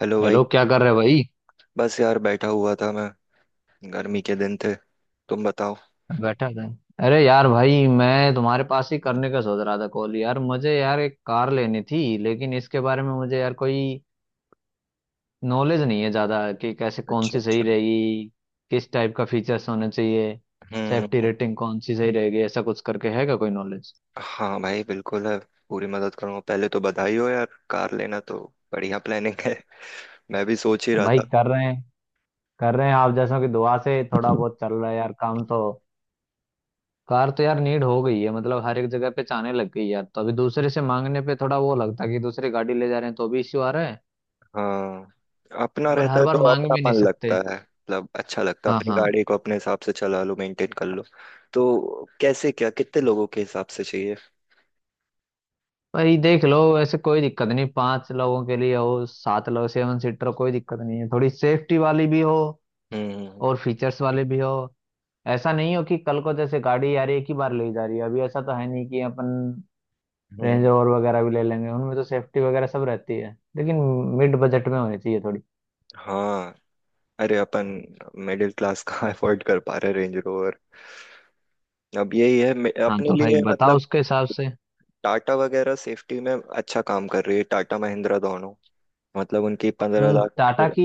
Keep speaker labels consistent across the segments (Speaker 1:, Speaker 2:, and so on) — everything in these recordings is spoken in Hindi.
Speaker 1: हेलो भाई।
Speaker 2: हेलो। क्या कर रहे भाई।
Speaker 1: बस यार बैठा हुआ था मैं। गर्मी के दिन थे। तुम बताओ।
Speaker 2: बैठा था। अरे यार भाई, मैं तुम्हारे पास ही करने का सोच रहा था कॉल। यार मुझे यार एक कार लेनी थी, लेकिन इसके बारे में मुझे यार कोई नॉलेज नहीं है ज़्यादा, कि कैसे, कौन
Speaker 1: अच्छा
Speaker 2: सी सही
Speaker 1: अच्छा,
Speaker 2: रहेगी, किस टाइप का फीचर्स होने चाहिए,
Speaker 1: हम्म,
Speaker 2: सेफ्टी
Speaker 1: हम्म।
Speaker 2: रेटिंग कौन सी सही रहेगी, ऐसा कुछ करके है क्या कोई नॉलेज।
Speaker 1: हाँ भाई बिल्कुल है, पूरी मदद करूंगा। पहले तो बधाई हो यार, कार लेना तो बढ़िया प्लानिंग है मैं भी सोच ही रहा
Speaker 2: भाई
Speaker 1: था।
Speaker 2: कर रहे हैं, कर रहे हैं आप जैसों की दुआ से थोड़ा बहुत चल रहा है यार काम तो। कार तो यार नीड हो गई है, मतलब हर एक जगह पे जाने लग गई यार, तो अभी दूसरे से मांगने पे थोड़ा वो लगता है कि दूसरी गाड़ी ले जा रहे हैं, तो भी इश्यू आ रहा है।
Speaker 1: हाँ, अपना
Speaker 2: और
Speaker 1: रहता
Speaker 2: हर
Speaker 1: है
Speaker 2: बार
Speaker 1: तो
Speaker 2: मांग भी नहीं
Speaker 1: अपनापन लगता
Speaker 2: सकते।
Speaker 1: है, मतलब अच्छा लगता है,
Speaker 2: हाँ,
Speaker 1: अपनी
Speaker 2: हाँ।
Speaker 1: गाड़ी को अपने हिसाब से चला लो, मेंटेन कर लो। तो कैसे क्या, कितने लोगों के हिसाब से चाहिए?
Speaker 2: भाई देख लो, ऐसे कोई दिक्कत नहीं, पांच लोगों के लिए हो, सात लोग सेवन सीटर कोई दिक्कत नहीं है, थोड़ी सेफ्टी वाली भी हो
Speaker 1: हम्म हम्म,
Speaker 2: और फीचर्स वाली भी हो। ऐसा नहीं हो कि कल को जैसे गाड़ी, यार एक ही बार ले जा रही है अभी, ऐसा तो है नहीं कि अपन
Speaker 1: हम्म,
Speaker 2: रेंज
Speaker 1: हम्म।
Speaker 2: रोवर वगैरह भी ले लेंगे, उनमें तो सेफ्टी वगैरह सब रहती है लेकिन। मिड बजट में होनी चाहिए थोड़ी।
Speaker 1: हाँ। अरे अपन मिडिल क्लास कहाँ अफोर्ड कर पा रहे रेंज रोवर। अब यही है
Speaker 2: हाँ,
Speaker 1: अपने
Speaker 2: तो भाई
Speaker 1: लिए
Speaker 2: बताओ
Speaker 1: मतलब।
Speaker 2: उसके हिसाब से।
Speaker 1: टाटा वगैरह सेफ्टी में अच्छा काम कर रही है, टाटा महिंद्रा दोनों। मतलब उनकी पंद्रह
Speaker 2: हम्म,
Speaker 1: लाख
Speaker 2: टाटा की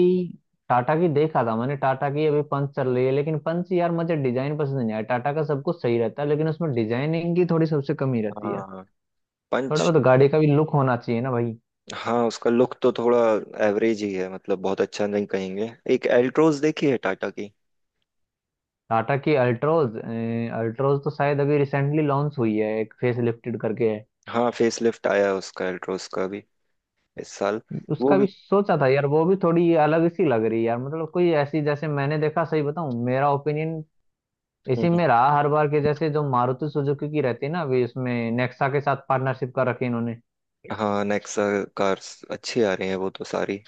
Speaker 2: टाटा की देखा था मैंने। टाटा की अभी पंच चल रही है, लेकिन पंच यार मुझे डिजाइन पसंद नहीं आया। टाटा का सब कुछ सही रहता है, लेकिन उसमें डिजाइनिंग की थोड़ी सबसे कमी रहती है यार।
Speaker 1: हाँ,
Speaker 2: थोड़ा
Speaker 1: पंच।
Speaker 2: बहुत गाड़ी का भी लुक होना चाहिए ना भाई।
Speaker 1: हाँ, उसका लुक तो थोड़ा एवरेज ही है, मतलब बहुत अच्छा नहीं कहेंगे। एक एल्ट्रोज देखी है टाटा की।
Speaker 2: टाटा की अल्ट्रोज। अल्ट्रोज तो शायद अभी रिसेंटली लॉन्च हुई है, एक फेस लिफ्टेड करके है।
Speaker 1: हाँ फेसलिफ्ट आया है उसका, एल्ट्रोज का भी, इस साल। वो
Speaker 2: उसका भी
Speaker 1: भी।
Speaker 2: सोचा था यार, वो भी थोड़ी अलग सी लग रही है यार, मतलब कोई ऐसी। जैसे मैंने देखा, सही बताऊं मेरा ओपिनियन, इसी
Speaker 1: हम्म,
Speaker 2: में रहा हर बार के जैसे, जो मारुति सुजुकी की रहती है ना, अभी इसमें नेक्सा के साथ पार्टनरशिप का रखी इन्होंने,
Speaker 1: हाँ नेक्सा कार्स अच्छी आ रही है वो तो सारी।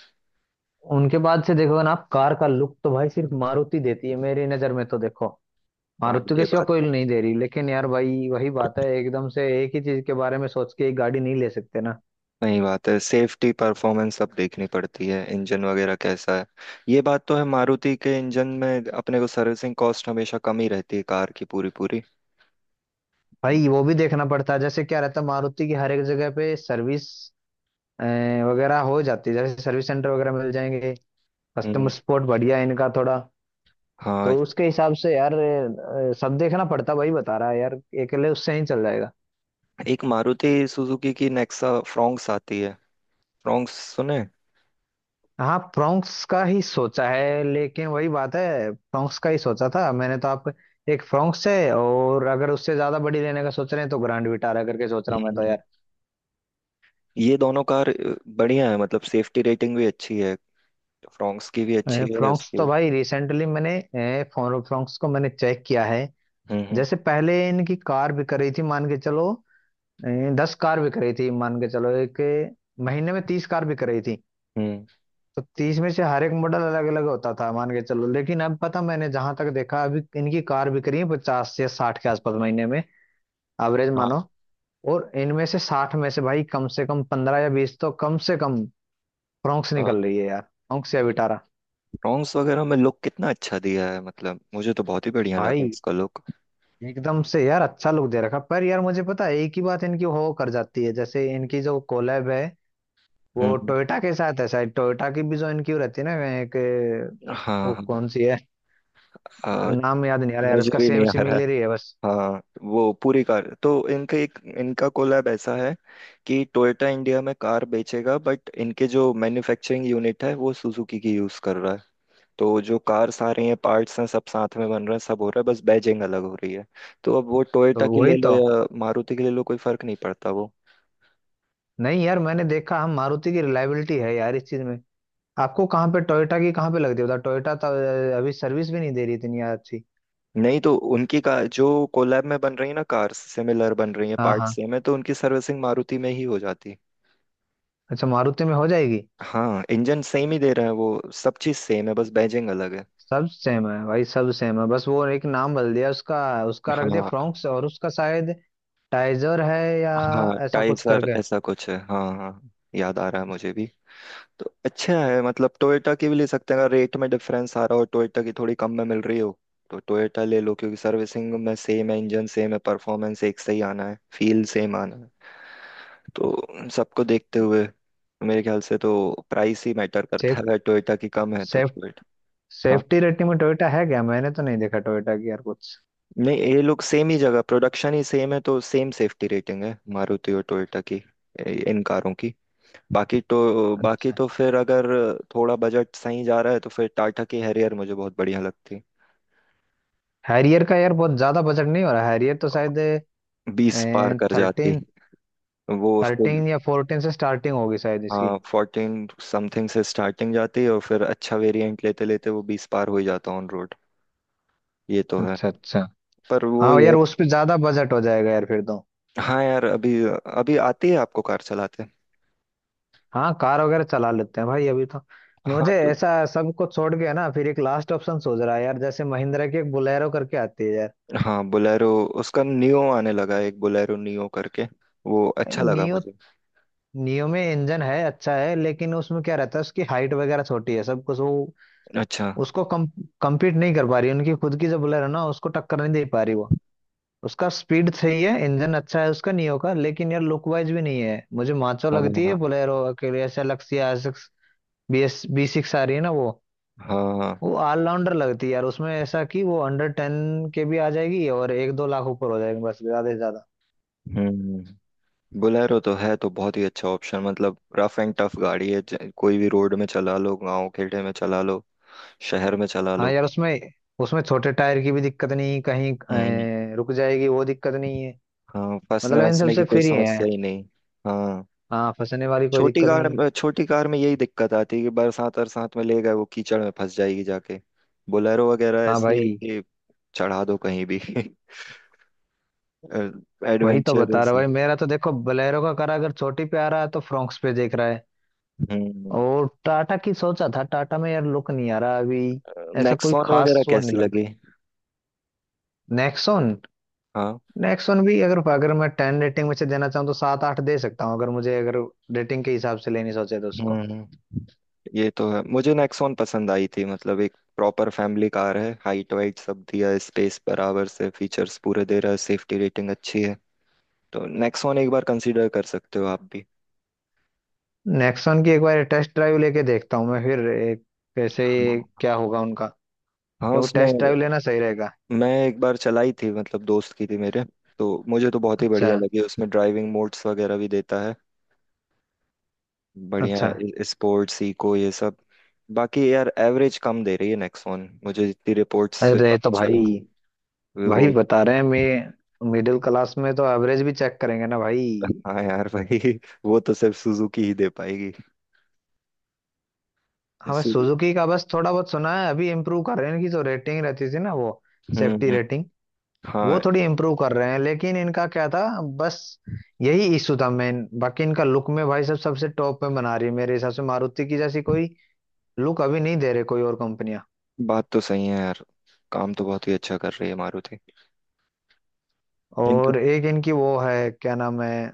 Speaker 2: उनके बाद से देखोगे ना आप, कार का लुक तो भाई सिर्फ मारुति देती है मेरी नजर में तो। देखो,
Speaker 1: हाँ
Speaker 2: मारुति
Speaker 1: ये
Speaker 2: के सिवा
Speaker 1: बात
Speaker 2: कोई
Speaker 1: तो
Speaker 2: नहीं दे रही, लेकिन यार भाई वही बात है, एकदम से एक ही चीज के बारे में सोच के एक गाड़ी नहीं ले सकते ना
Speaker 1: सही बात है, सेफ्टी, परफॉर्मेंस सब देखनी पड़ती है, इंजन वगैरह कैसा है। ये बात तो है, मारुति के इंजन में अपने को सर्विसिंग कॉस्ट हमेशा कम ही रहती है, कार की पूरी पूरी।
Speaker 2: भाई। वो भी देखना पड़ता है, जैसे क्या रहता है मारुति की, हर एक जगह पे सर्विस वगैरह हो जाती है, जैसे सर्विस सेंटर वगैरह मिल जाएंगे, कस्टमर
Speaker 1: हम्म।
Speaker 2: सपोर्ट बढ़िया है इनका थोड़ा। तो
Speaker 1: हाँ
Speaker 2: उसके हिसाब से यार, सब देखना पड़ता है, वही बता रहा है यार, अकेले उससे नहीं चल जाएगा।
Speaker 1: एक मारुति सुजुकी की नेक्सा फ्रॉन्क्स आती है, फ्रॉन्क्स सुने।
Speaker 2: हाँ, फ्रोंक्स का ही सोचा है, लेकिन वही बात है। फ्रोंक्स का ही सोचा था मैंने तो। आप, एक फ्रोंक्स है, और अगर उससे ज्यादा बड़ी लेने का सोच रहे हैं तो ग्रैंड विटारा करके सोच रहा हूँ मैं तो
Speaker 1: हम्म।
Speaker 2: यार।
Speaker 1: ये दोनों कार बढ़िया है मतलब, सेफ्टी रेटिंग भी अच्छी है, फ्रॉन्क्स की भी अच्छी है,
Speaker 2: फ्रोंक्स
Speaker 1: उसकी
Speaker 2: तो
Speaker 1: भी।
Speaker 2: भाई रिसेंटली मैंने अ, फोन फ्रोंक्स को मैंने चेक किया है।
Speaker 1: हम्म,
Speaker 2: जैसे पहले इनकी कार बिक रही थी मान के चलो, अ, 10 कार बिक रही थी मान के चलो, एक महीने में 30 कार बिक रही थी।
Speaker 1: हम्म,
Speaker 2: तो तीस में से हर एक मॉडल अलग अलग होता था मान के चलो, लेकिन अब पता मैंने जहां तक देखा अभी इनकी कार बिक रही है 50 से 60 के आसपास महीने में, एवरेज मानो।
Speaker 1: हाँ
Speaker 2: और इनमें से 60 में से भाई कम से कम 15 या 20 तो कम से कम फ्रोंक्स
Speaker 1: हाँ।
Speaker 2: निकल रही है यार, फ्रोंक्स या विटारा।
Speaker 1: फ्रॉन्क्स वगैरह में लुक कितना अच्छा दिया है, मतलब मुझे तो बहुत ही बढ़िया लगा
Speaker 2: भाई
Speaker 1: उसका लुक।
Speaker 2: एकदम से यार अच्छा लुक दे रखा, पर यार मुझे पता है एक ही बात इनकी हो कर जाती है। जैसे इनकी जो कोलैब है वो
Speaker 1: हम्म।
Speaker 2: टोयोटा के साथ है शायद, टोयोटा की भी जो इनकी वो रहती है ना एक,
Speaker 1: हाँ
Speaker 2: वो
Speaker 1: हाँ।
Speaker 2: कौन सी है,
Speaker 1: हाँ
Speaker 2: नाम याद नहीं आ रहा यार
Speaker 1: मुझे
Speaker 2: उसका,
Speaker 1: भी
Speaker 2: सेम
Speaker 1: नहीं आ रहा है।
Speaker 2: सिमिलर ही है बस।
Speaker 1: हाँ, वो पूरी कार तो, इनका कोलैब ऐसा है कि टोयोटा इंडिया में कार बेचेगा, बट इनके जो मैन्युफैक्चरिंग यूनिट है वो सुजुकी की यूज कर रहा है। तो जो कार्स आ रही हैं, पार्ट्स हैं, सब साथ में बन रहे हैं, सब हो रहा है, बस बैजिंग अलग हो रही है। तो अब वो टोयोटा
Speaker 2: तो
Speaker 1: की
Speaker 2: वही
Speaker 1: ले लो
Speaker 2: तो।
Speaker 1: या मारुति की ले लो, कोई फर्क नहीं पड़ता वो।
Speaker 2: नहीं यार मैंने देखा हम, मारुति की रिलायबिलिटी है यार इस चीज में। आपको कहाँ पे टोयोटा की, कहाँ पे लग रही है टोयोटा तो, अभी सर्विस भी नहीं दे रही इतनी अच्छी।
Speaker 1: नहीं, तो उनकी का जो कोलैब में बन रही है ना कार्स, सिमिलर बन रही है,
Speaker 2: हाँ,
Speaker 1: पार्ट
Speaker 2: हाँ,
Speaker 1: सेम है, तो उनकी सर्विसिंग मारुति में ही हो जाती है।
Speaker 2: अच्छा मारुति में हो जाएगी।
Speaker 1: हाँ इंजन सेम ही दे रहा है वो, सब चीज सेम है, बस बैजिंग अलग है।
Speaker 2: सब सेम है भाई, सब सेम है, बस वो एक नाम बदल दिया उसका, उसका रख दिया
Speaker 1: हाँ
Speaker 2: फ्रोंक्स, और उसका शायद टाइजर है या
Speaker 1: हाँ,
Speaker 2: ऐसा कुछ
Speaker 1: टाइसर
Speaker 2: करके।
Speaker 1: ऐसा कुछ है, हाँ हाँ, याद आ रहा है मुझे भी। तो अच्छा है, मतलब टोयोटा की भी ले सकते हैं अगर रेट में डिफरेंस आ रहा हो, टोयोटा की थोड़ी कम में मिल रही हो तो टोयोटा ले लो, क्योंकि सर्विसिंग में सेम है, इंजन सेम है, परफॉर्मेंस एक से ही आना है, फील सेम आना है। तो सबको देखते हुए मेरे ख्याल से तो प्राइस ही मैटर करता
Speaker 2: सेफ
Speaker 1: है, अगर टोयोटा की कम है तो
Speaker 2: सेफ
Speaker 1: टोयोटा।
Speaker 2: सेफ्टी रेटिंग में टोयोटा है क्या, मैंने तो नहीं देखा टोयोटा की यार कुछ।
Speaker 1: नहीं ये लोग सेम ही जगह, प्रोडक्शन ही सेम है, तो सेम सेफ्टी रेटिंग है मारुति और टोयोटा की, इन कारों की। बाकी तो,
Speaker 2: अच्छा,
Speaker 1: फिर अगर थोड़ा बजट सही जा रहा है तो फिर टाटा की हैरियर मुझे बहुत बढ़िया लगती।
Speaker 2: हैरियर का यार बहुत ज्यादा बजट नहीं हो रहा, हैरियर तो शायद
Speaker 1: 20 पार कर जाती
Speaker 2: थर्टीन
Speaker 1: वो उसको।
Speaker 2: 13 या 14 से स्टार्टिंग होगी शायद
Speaker 1: हाँ
Speaker 2: इसकी।
Speaker 1: 14 समथिंग से स्टार्टिंग जाती है, और फिर अच्छा वेरिएंट लेते लेते वो 20 पार हो ही जाता ऑन रोड। ये तो है।
Speaker 2: अच्छा, अच्छा।
Speaker 1: पर वो
Speaker 2: हाँ
Speaker 1: ये।
Speaker 2: यार उस पे ज्यादा बजट हो जाएगा यार फिर तो।
Speaker 1: हाँ यार, अभी अभी आती है आपको कार चलाते।
Speaker 2: हाँ कार वगैरह चला लेते हैं भाई अभी तो।
Speaker 1: हाँ
Speaker 2: मुझे
Speaker 1: तो,
Speaker 2: ऐसा सब कुछ छोड़ के है ना, फिर एक लास्ट ऑप्शन सोच रहा है यार, जैसे महिंद्रा की एक बोलेरो करके आती है यार।
Speaker 1: हाँ बोलेरो, उसका नियो आने लगा है, एक बोलेरो नियो करके, वो अच्छा लगा
Speaker 2: नियो।
Speaker 1: मुझे।
Speaker 2: नियो में इंजन है अच्छा है, लेकिन उसमें क्या रहता है, उसकी हाइट वगैरह छोटी है सब कुछ। वो
Speaker 1: अच्छा,
Speaker 2: उसको कम compete नहीं कर पा रही, उनकी खुद की जो बोलेरो ना उसको टक्कर नहीं दे पा रही वो। उसका स्पीड सही है, इंजन अच्छा है उसका नियो का, लेकिन यार लुक वाइज भी नहीं है, मुझे माचो लगती
Speaker 1: हाँ
Speaker 2: है बोलेरो के लिए ऐसे, लक्सिया। BS6 आ रही है ना वो
Speaker 1: हाँ।
Speaker 2: वो ऑलराउंडर लगती है यार। उसमें ऐसा कि वो अंडर 10 के भी आ जाएगी, और एक दो लाख ऊपर हो जाएगी बस ज्यादा से ज्यादा।
Speaker 1: हम्म, बोलेरो तो है तो बहुत ही अच्छा ऑप्शन, मतलब रफ एंड टफ गाड़ी है, कोई भी रोड में चला लो, गांव खेड़े में चला लो, शहर में चला
Speaker 2: हाँ
Speaker 1: लो।
Speaker 2: यार उसमें, उसमें छोटे टायर की भी दिक्कत नहीं कहीं।
Speaker 1: हम्म।
Speaker 2: रुक जाएगी, वो दिक्कत नहीं है,
Speaker 1: हाँ, फंसने
Speaker 2: मतलब इन
Speaker 1: वसने की
Speaker 2: सबसे
Speaker 1: कोई
Speaker 2: फ्री है।
Speaker 1: समस्या ही नहीं। हाँ,
Speaker 2: हाँ, फंसने वाली कोई दिक्कत नहीं।
Speaker 1: छोटी कार में यही दिक्कत आती है कि बरसात अरसात में ले गए वो कीचड़ में फंस जाएगी जाके। बोलेरो वगैरह
Speaker 2: हाँ
Speaker 1: ऐसी है
Speaker 2: भाई।
Speaker 1: कि चढ़ा दो कहीं भी
Speaker 2: वही तो बता
Speaker 1: एडवेंचरस।
Speaker 2: रहा भाई मेरा, तो देखो बलेरो का करा, अगर छोटी पे आ रहा है तो फ्रॉक्स पे देख रहा है।
Speaker 1: हम्म।
Speaker 2: और टाटा की सोचा था, टाटा में यार लुक नहीं आ रहा अभी, ऐसा कोई
Speaker 1: नेक्सॉन वगैरह
Speaker 2: खास वो
Speaker 1: कैसी
Speaker 2: नहीं लगता।
Speaker 1: लगी?
Speaker 2: नेक्सॉन।
Speaker 1: हाँ।
Speaker 2: नेक्स्ट वन भी, अगर अगर मैं 10 रेटिंग में से देना चाहूँ तो सात आठ दे सकता हूँ, अगर मुझे अगर रेटिंग के हिसाब से लेनी सोचे तो उसको।
Speaker 1: हम्म, ये तो है। मुझे नेक्सॉन पसंद आई थी, मतलब एक प्रॉपर फैमिली कार है, हाइट वाइट सब दिया है, स्पेस बराबर से, फीचर्स पूरे दे रहा है, सेफ्टी रेटिंग अच्छी है, तो नेक्सॉन एक बार कंसीडर कर सकते हो आप भी।
Speaker 2: नेक्स्ट वन की एक बार टेस्ट ड्राइव लेके देखता हूँ मैं फिर, एक कैसे
Speaker 1: हाँ।
Speaker 2: क्या होगा उनका,
Speaker 1: हाँ
Speaker 2: क्योंकि
Speaker 1: उसमें,
Speaker 2: टेस्ट ड्राइव लेना सही रहेगा।
Speaker 1: मैं एक बार चलाई थी, मतलब दोस्त की थी मेरे, तो मुझे तो बहुत ही बढ़िया
Speaker 2: अच्छा,
Speaker 1: लगी, उसमें ड्राइविंग मोड्स वगैरह भी देता है,
Speaker 2: अच्छा।
Speaker 1: बढ़िया स्पोर्ट्स, इको ये सब। बाकी यार एवरेज कम दे रही है नेक्सॉन, मुझे जितनी रिपोर्ट्स से
Speaker 2: अरे
Speaker 1: पता
Speaker 2: तो भाई,
Speaker 1: चला, वे वो।
Speaker 2: भाई बता रहे हैं, मैं मिडिल क्लास में तो एवरेज भी चेक करेंगे ना भाई।
Speaker 1: हाँ यार भाई वो तो सिर्फ सुजुकी ही दे पाएगी।
Speaker 2: हमें
Speaker 1: सु-
Speaker 2: सुजुकी का बस थोड़ा बहुत सुना है, अभी इम्प्रूव कर रहे हैं इनकी जो रेटिंग रहती थी ना वो,
Speaker 1: हम्म
Speaker 2: सेफ्टी
Speaker 1: हम्म,
Speaker 2: रेटिंग, वो
Speaker 1: हाँ,
Speaker 2: थोड़ी इम्प्रूव कर रहे हैं लेकिन। इनका क्या था बस यही इशू था मेन, बाकी इनका लुक में भाई सब सबसे टॉप में बना रही है, मेरे हिसाब से मारुति की जैसी कोई लुक अभी नहीं दे रहे कोई और कंपनियां।
Speaker 1: बात तो सही है यार, काम तो बहुत ही अच्छा कर रही है मारुति। इनके।
Speaker 2: और एक इनकी वो है क्या नाम है,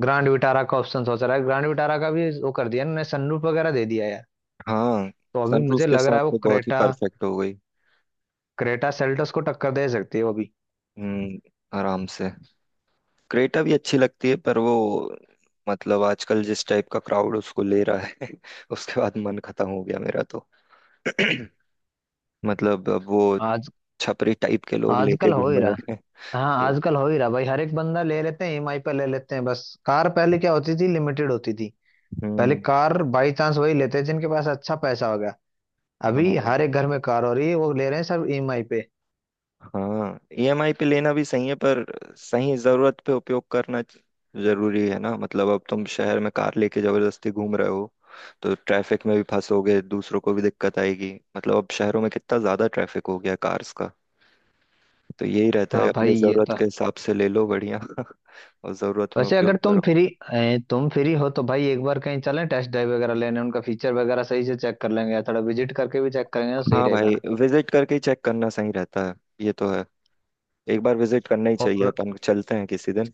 Speaker 2: ग्रैंड विटारा का ऑप्शन सोच रहा है। ग्रैंड विटारा का भी वो कर दिया इन्होंने, सनरूफ वगैरह दे दिया यार,
Speaker 1: हाँ,
Speaker 2: तो अभी
Speaker 1: सनरूफ
Speaker 2: मुझे
Speaker 1: के
Speaker 2: लग
Speaker 1: साथ
Speaker 2: रहा है वो
Speaker 1: तो बहुत ही
Speaker 2: क्रेटा,
Speaker 1: परफेक्ट हो गई।
Speaker 2: क्रेटा सेल्टोस को टक्कर दे सकती है वो भी।
Speaker 1: हम्म, आराम से। क्रेटा भी अच्छी लगती है, पर वो, मतलब आजकल जिस टाइप का क्राउड उसको ले रहा है उसके बाद मन खत्म हो गया मेरा तो। मतलब अब वो
Speaker 2: आज,
Speaker 1: छपरी टाइप के लोग लेके
Speaker 2: आजकल हो
Speaker 1: घूम
Speaker 2: ही रहा।
Speaker 1: रहे हैं।
Speaker 2: हाँ,
Speaker 1: तो,
Speaker 2: आजकल हो ही रहा भाई, हर एक बंदा ले लेते हैं, ईएमआई पे ले लेते हैं बस। कार पहले क्या होती थी, लिमिटेड होती थी। पहले
Speaker 1: हम्म।
Speaker 2: कार बाई चांस वही लेते हैं जिनके पास अच्छा पैसा होगा,
Speaker 1: हाँ
Speaker 2: अभी हर एक घर में कार हो रही है, वो ले रहे हैं सब ईएमआई पे।
Speaker 1: हाँ, ईएमआई पे लेना भी सही है पर सही जरूरत पे उपयोग करना जरूरी है ना, मतलब अब तुम शहर में कार लेके जबरदस्ती घूम रहे हो तो ट्रैफिक में भी फंसोगे, दूसरों को भी दिक्कत आएगी, मतलब अब शहरों में कितना ज्यादा ट्रैफिक हो गया, कार्स का। तो यही रहता है,
Speaker 2: हाँ
Speaker 1: अपनी
Speaker 2: भाई, ये
Speaker 1: जरूरत
Speaker 2: तो
Speaker 1: के
Speaker 2: है।
Speaker 1: हिसाब से ले लो बढ़िया और जरूरत में
Speaker 2: वैसे
Speaker 1: उपयोग
Speaker 2: अगर
Speaker 1: करो।
Speaker 2: तुम फ्री हो तो भाई एक बार कहीं चलें, टेस्ट ड्राइव वगैरह लेने, उनका फीचर वगैरह सही से चेक कर लेंगे, या थोड़ा विजिट करके भी चेक करेंगे तो सही
Speaker 1: हाँ
Speaker 2: रहेगा
Speaker 1: भाई,
Speaker 2: ना।
Speaker 1: विजिट करके ही चेक करना सही रहता है, ये तो है, एक बार विजिट करना ही चाहिए,
Speaker 2: और
Speaker 1: अपन चलते हैं किसी दिन।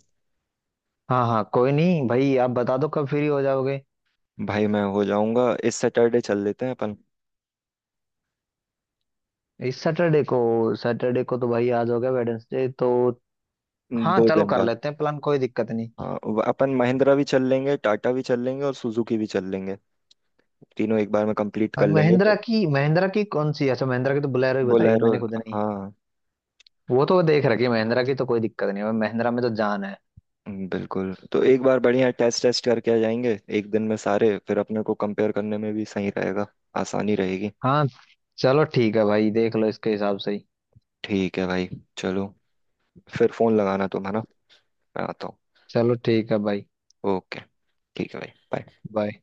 Speaker 2: हाँ, हाँ कोई नहीं भाई, आप बता दो कब फ्री हो जाओगे।
Speaker 1: भाई मैं हो जाऊंगा, इस सैटरडे चल लेते हैं अपन।
Speaker 2: इस सैटरडे को तो भाई आज हो गया वेडनेसडे तो। हाँ
Speaker 1: दो
Speaker 2: चलो
Speaker 1: दिन
Speaker 2: कर
Speaker 1: बाद।
Speaker 2: लेते हैं प्लान, कोई दिक्कत नहीं।
Speaker 1: हाँ, अपन महिंद्रा भी चल लेंगे, टाटा भी चल लेंगे, और सुजुकी भी चल लेंगे, तीनों एक बार में कंप्लीट कर
Speaker 2: अब
Speaker 1: लेंगे तो।
Speaker 2: महिंद्रा की कौन सी, अच्छा महिंद्रा की तो बोलेरो ही बताई
Speaker 1: बोलेरो,
Speaker 2: मैंने, खुद नहीं,
Speaker 1: हाँ।
Speaker 2: वो तो देख रखी है, महिंद्रा की तो कोई दिक्कत नहीं है, महिंद्रा में तो जान है।
Speaker 1: बिल्कुल, तो एक बार बढ़िया टेस्ट टेस्ट करके आ जाएंगे एक दिन में सारे, फिर अपने को कंपेयर करने में भी सही रहेगा, आसानी रहेगी।
Speaker 2: हाँ चलो ठीक है भाई, देख लो इसके हिसाब से ही।
Speaker 1: ठीक है भाई, चलो, फिर फोन लगाना तुम, है ना, मैं आता हूँ।
Speaker 2: चलो ठीक है भाई।
Speaker 1: ओके, ठीक है भाई bye।
Speaker 2: बाय।